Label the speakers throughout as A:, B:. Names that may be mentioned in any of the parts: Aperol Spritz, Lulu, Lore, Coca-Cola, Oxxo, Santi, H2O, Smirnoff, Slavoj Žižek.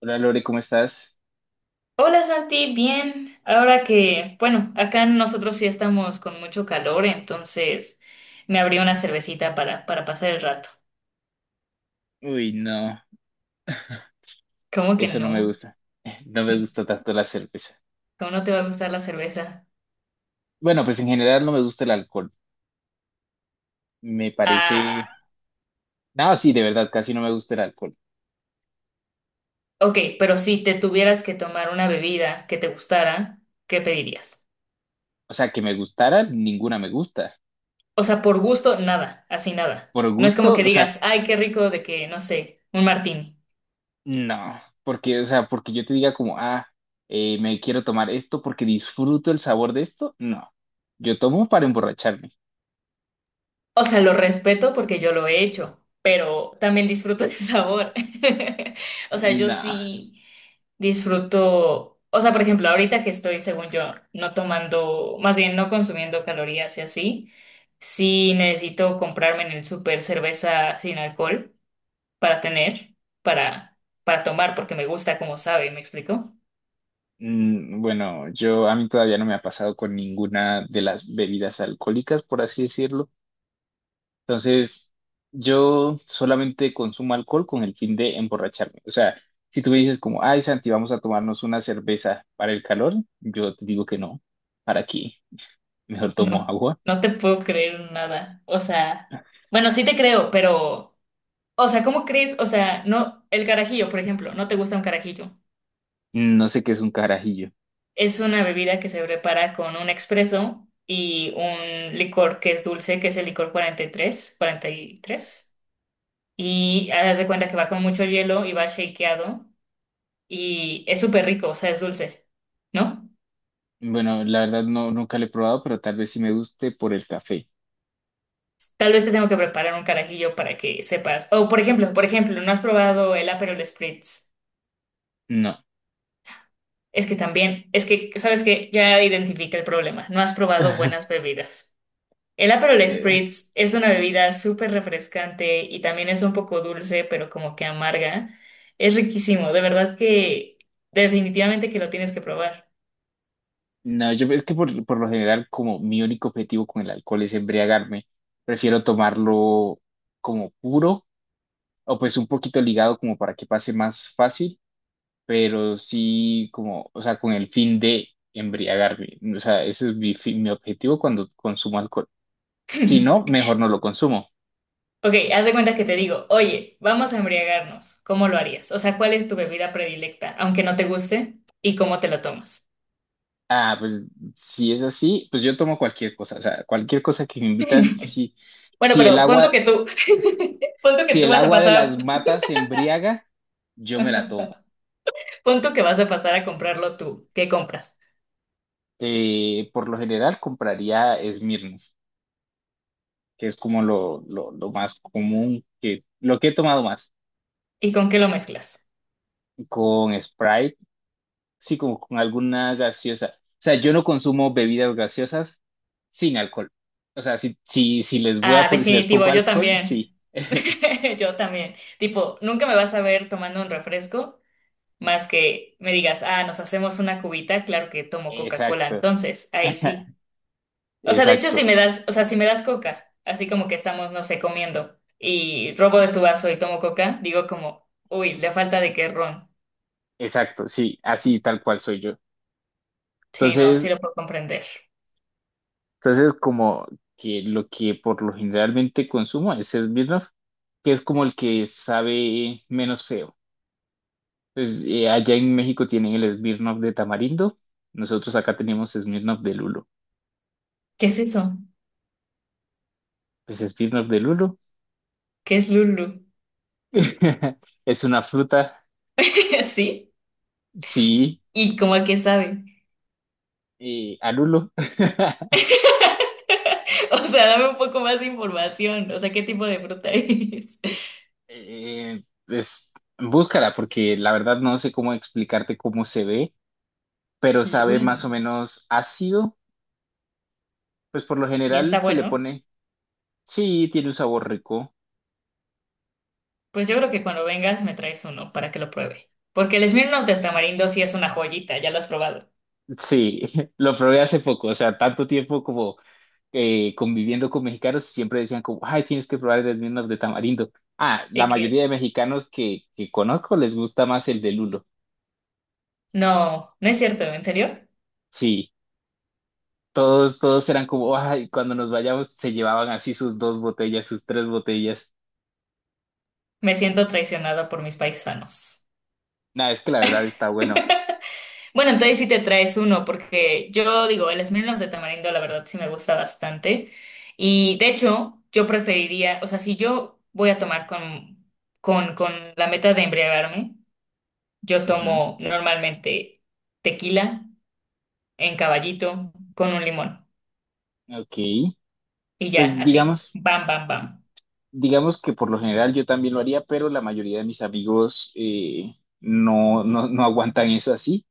A: Hola Lore, ¿cómo estás?
B: Hola Santi, bien. Ahora que, bueno, acá nosotros sí estamos con mucho calor, entonces me abrí una cervecita para pasar el rato.
A: Uy, no,
B: ¿Cómo que
A: eso no me
B: no?
A: gusta. No me
B: Mm.
A: gusta tanto la cerveza.
B: ¿Cómo no te va a gustar la cerveza?
A: Bueno, pues en general no me gusta el alcohol. Me
B: Ah,
A: parece. No, sí, de verdad, casi no me gusta el alcohol.
B: ok, pero si te tuvieras que tomar una bebida que te gustara, ¿qué pedirías?
A: O sea, que me gustara, ninguna me gusta.
B: O sea, por gusto, nada, así nada.
A: Por
B: No es como
A: gusto,
B: que
A: o
B: digas,
A: sea,
B: ay, qué rico de que, no sé, un martini.
A: no. Porque, o sea, porque yo te diga como, ah, me quiero tomar esto porque disfruto el sabor de esto, no. Yo tomo para emborracharme.
B: O sea, lo respeto porque yo lo he hecho, pero también disfruto el sabor. O sea, yo
A: No.
B: sí disfruto, o sea, por ejemplo, ahorita que estoy, según yo, no tomando, más bien no consumiendo calorías y así, sí necesito comprarme en el súper cerveza sin alcohol para tener, para, para tomar, porque me gusta como sabe, ¿me explico?
A: Bueno, yo a mí todavía no me ha pasado con ninguna de las bebidas alcohólicas, por así decirlo. Entonces, yo solamente consumo alcohol con el fin de emborracharme. O sea, si tú me dices como, ay, Santi, vamos a tomarnos una cerveza para el calor, yo te digo que no. ¿Para qué? Mejor tomo
B: No,
A: agua.
B: no te puedo creer nada. O sea, bueno, sí te creo, pero... O sea, ¿cómo crees? O sea, no, el carajillo, por ejemplo, no te gusta un carajillo.
A: No sé qué es un carajillo.
B: Es una bebida que se prepara con un expreso y un licor que es dulce, que es el licor 43, 43. Y tres. Y haz de cuenta que va con mucho hielo y va shakeado y es súper rico, o sea, es dulce, ¿no?
A: Bueno, la verdad no, nunca lo he probado, pero tal vez sí me guste por el café.
B: Tal vez te tengo que preparar un carajillo para que sepas. O, por ejemplo, ¿no has probado el Aperol Spritz?
A: No.
B: Es que también, ¿sabes que Ya identifica el problema. No has probado buenas bebidas. El Aperol Spritz es una bebida súper refrescante y también es un poco dulce, pero como que amarga. Es riquísimo, de verdad que definitivamente que lo tienes que probar.
A: No, yo es que por lo general, como mi único objetivo con el alcohol es embriagarme, prefiero tomarlo como puro o pues un poquito ligado como para que pase más fácil, pero sí como, o sea, con el fin de embriagarme. O sea, ese es mi objetivo cuando consumo alcohol. Si no, mejor no lo consumo.
B: Ok, haz de cuenta que te digo, oye, vamos a embriagarnos. ¿Cómo lo harías? O sea, ¿cuál es tu bebida predilecta, aunque no te guste, y cómo te lo tomas?
A: Ah, pues si es así, pues yo tomo cualquier cosa, o sea, cualquier cosa que me invitan,
B: Bueno,
A: si el
B: pero pon
A: agua,
B: tú que tú, pon tú que
A: si
B: tú
A: el
B: vas a
A: agua de
B: pasar,
A: las matas embriaga, yo me la tomo.
B: pon tú que vas a pasar a comprarlo tú. ¿Qué compras?
A: Por lo general compraría Smirnoff, que es como lo más común lo que he tomado más,
B: ¿Y con qué lo mezclas?
A: con Sprite, sí, como con alguna gaseosa. O sea, yo no consumo bebidas gaseosas sin alcohol. O sea, si, si, si les voy a
B: Ah,
A: poner, si les
B: definitivo,
A: pongo
B: yo
A: alcohol,
B: también.
A: sí.
B: Yo también. Tipo, nunca me vas a ver tomando un refresco más que me digas, ah, nos hacemos una cubita, claro que tomo Coca-Cola,
A: Exacto,
B: entonces, ahí sí. O sea, de hecho, si
A: exacto,
B: me das, o sea, si me das Coca, así como que estamos, no sé, comiendo y robo de tu vaso y tomo Coca, digo como, uy, le falta de qué ron.
A: exacto, sí, así tal cual soy yo.
B: Sí, no, sí
A: Entonces,
B: lo puedo comprender.
A: Entonces, como que lo que por lo generalmente consumo es Smirnoff, que es como el que sabe menos feo. Pues, allá en México tienen el Smirnoff de tamarindo, nosotros acá tenemos Smirnoff de lulo.
B: ¿Qué es eso?
A: Pues Smirnoff de lulo
B: ¿Qué es Lulu?
A: es una fruta,
B: ¿Sí?
A: sí,
B: ¿Y cómo a qué sabe?
A: a lulo.
B: O sea, dame un poco más de información. O sea, ¿qué tipo de fruta es?
A: Pues búscala, porque la verdad no sé cómo explicarte cómo se ve, pero sabe
B: Lulu.
A: más o menos ácido. Pues por lo
B: ¿Y
A: general
B: está
A: se le
B: bueno?
A: pone. Sí, tiene un sabor rico.
B: Pues yo creo que cuando vengas me traes uno para que lo pruebe. Porque el Smirnoff del tamarindo sí es una joyita, ya lo has probado.
A: Sí, lo probé hace poco, o sea, tanto tiempo como conviviendo con mexicanos, siempre decían como, ay, tienes que probar el Smirnoff de tamarindo. Ah, la
B: Y que,
A: mayoría de mexicanos que conozco les gusta más el de lulo.
B: no, no es cierto, ¿en serio?
A: Sí, todos eran como, ay, cuando nos vayamos se llevaban así sus dos botellas, sus tres botellas.
B: Me siento traicionada por mis paisanos.
A: Nada, es que la verdad está bueno.
B: Bueno, entonces sí te traes uno, porque yo digo, el Smirnoff de tamarindo la verdad sí me gusta bastante. Y de hecho, yo preferiría, o sea, si yo voy a tomar con, con la meta de embriagarme, yo
A: Ujú.
B: tomo normalmente tequila en caballito con un limón.
A: Ok,
B: Y ya,
A: pues
B: así.
A: digamos.
B: Bam, bam, bam.
A: Digamos que por lo general yo también lo haría, pero la mayoría de mis amigos no aguantan eso así.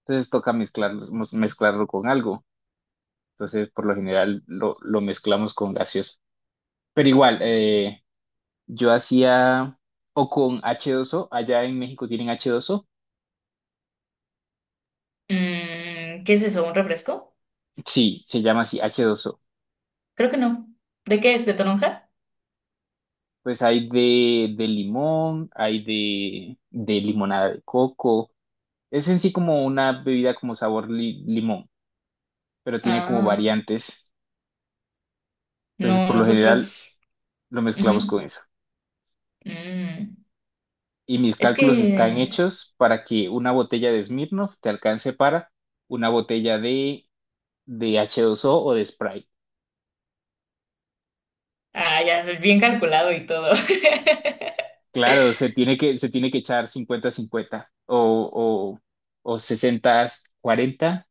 A: Entonces toca mezclarlo, mezclarlo con algo. Entonces por lo general lo mezclamos con gaseosa. Pero igual, yo hacía o con H2O allá en México tienen H2O.
B: Mm, ¿qué es eso? ¿Un refresco?
A: Sí, se llama así, H2O.
B: Creo que no. ¿De qué es? ¿De toronja?
A: Pues hay de limón, hay de limonada de coco. Es en sí como una bebida como sabor limón, pero tiene como
B: Ah,
A: variantes. Entonces,
B: no,
A: por lo general,
B: nosotros.
A: lo mezclamos
B: Ujú.
A: con eso.
B: Mm.
A: Y mis
B: Es
A: cálculos están
B: que.
A: hechos para que una botella de Smirnoff te alcance para una botella de H2O o de Sprite.
B: Ah, ya, es bien calculado y todo.
A: Claro, se tiene que echar 50-50 o 60-40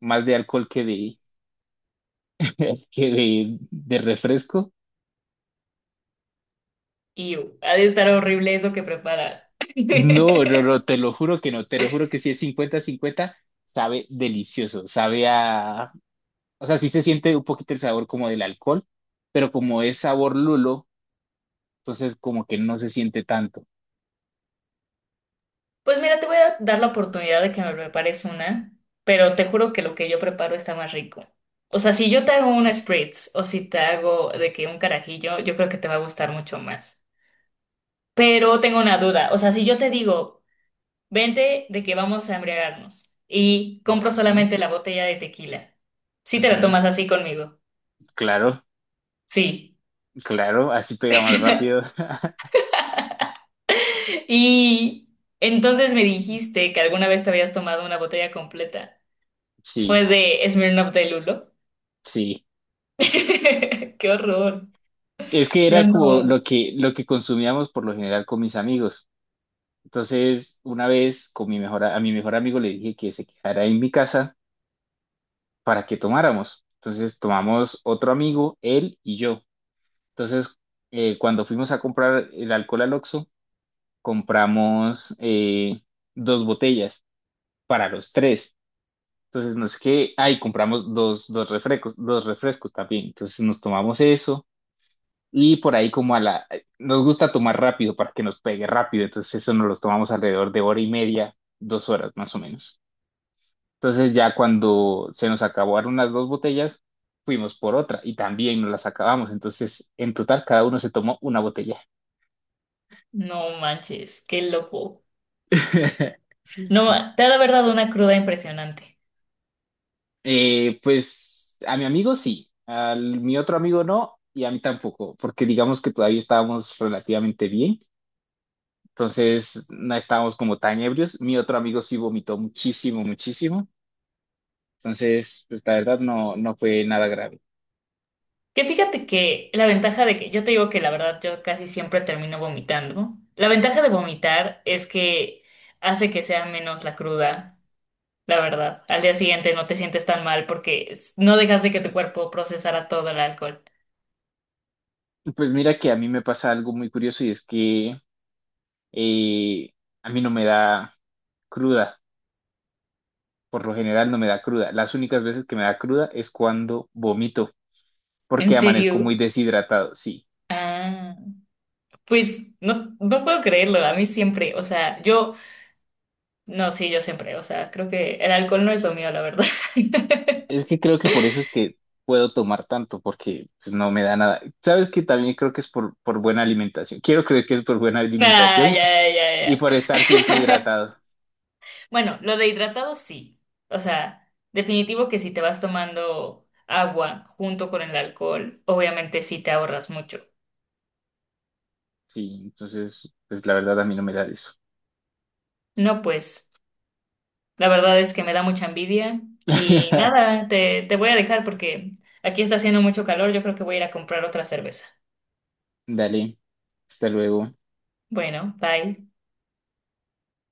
A: más de alcohol que de refresco.
B: Y ha de estar horrible eso que preparas.
A: No, no, no, te lo juro que no, te lo juro que si es 50-50 sabe delicioso, sabe a o sea, sí se siente un poquito el sabor como del alcohol, pero como es sabor lulo, entonces como que no se siente tanto.
B: Pues mira, te voy a dar la oportunidad de que me prepares una, pero te juro que lo que yo preparo está más rico. O sea, si yo te hago una spritz o si te hago de que un carajillo, yo creo que te va a gustar mucho más. Pero tengo una duda, o sea, si yo te digo, vente de que vamos a embriagarnos y compro
A: Ujú,
B: solamente la botella de tequila, ¿si te la
A: ujú.
B: tomas así conmigo?
A: Claro,
B: Sí.
A: claro, así pega más rápido.
B: Y entonces me dijiste que alguna vez te habías tomado una botella completa. ¿Fue
A: Sí,
B: de Smirnoff de Lulo?
A: sí.
B: ¡Qué horror!
A: Es que
B: Yo
A: era como
B: no,
A: lo que consumíamos por lo general con mis amigos. Entonces, una vez con mi mejor, a mi mejor amigo le dije que se quedara en mi casa para que tomáramos. Entonces, tomamos otro amigo, él y yo. Entonces, cuando fuimos a comprar el alcohol al Oxxo, compramos dos botellas para los tres. Entonces, no es que, ay, compramos dos refrescos, dos refrescos también. Entonces, nos tomamos eso y por ahí como nos gusta tomar rápido para que nos pegue rápido. Entonces, eso nos los tomamos alrededor de hora y media, 2 horas más o menos. Entonces, ya cuando se nos acabaron las dos botellas, fuimos por otra y también nos las acabamos. Entonces, en total, cada uno se tomó una botella.
B: no manches, qué loco. No, te ha de haber dado una cruda impresionante.
A: Pues a mi amigo sí, a mi otro amigo no y a mí tampoco, porque digamos que todavía estábamos relativamente bien, entonces no estábamos como tan ebrios. Mi otro amigo sí vomitó muchísimo, muchísimo, entonces pues la verdad no, no fue nada grave.
B: Que fíjate que la ventaja de que yo te digo que la verdad yo casi siempre termino vomitando. La ventaja de vomitar es que hace que sea menos la cruda, la verdad. Al día siguiente no te sientes tan mal porque es- no dejas de que tu cuerpo procesara todo el alcohol.
A: Pues mira que a mí me pasa algo muy curioso y es que eh, a mí no me da cruda, por lo general no me da cruda. Las únicas veces que me da cruda es cuando vomito,
B: ¿En
A: porque amanezco muy
B: serio?
A: deshidratado, sí.
B: Ah, pues no, no puedo creerlo. A mí siempre, o sea, yo, no, sí, yo siempre, o sea, creo que el alcohol no es lo mío, la verdad.
A: Es que creo que por eso es que puedo tomar tanto, porque pues, no me da nada. Sabes que también creo que es por buena alimentación. Quiero creer que es por buena
B: Ah,
A: alimentación y por,
B: ya, ya,
A: y por
B: ya.
A: estar siempre hidratado.
B: Bueno, lo de hidratado sí. O sea, definitivo que si te vas tomando agua junto con el alcohol, obviamente sí te ahorras mucho.
A: Sí, entonces, pues la verdad a mí no me da eso.
B: No, pues, la verdad es que me da mucha envidia. Y nada, te voy a dejar porque aquí está haciendo mucho calor. Yo creo que voy a ir a comprar otra cerveza.
A: Dale, hasta luego.
B: Bueno, bye.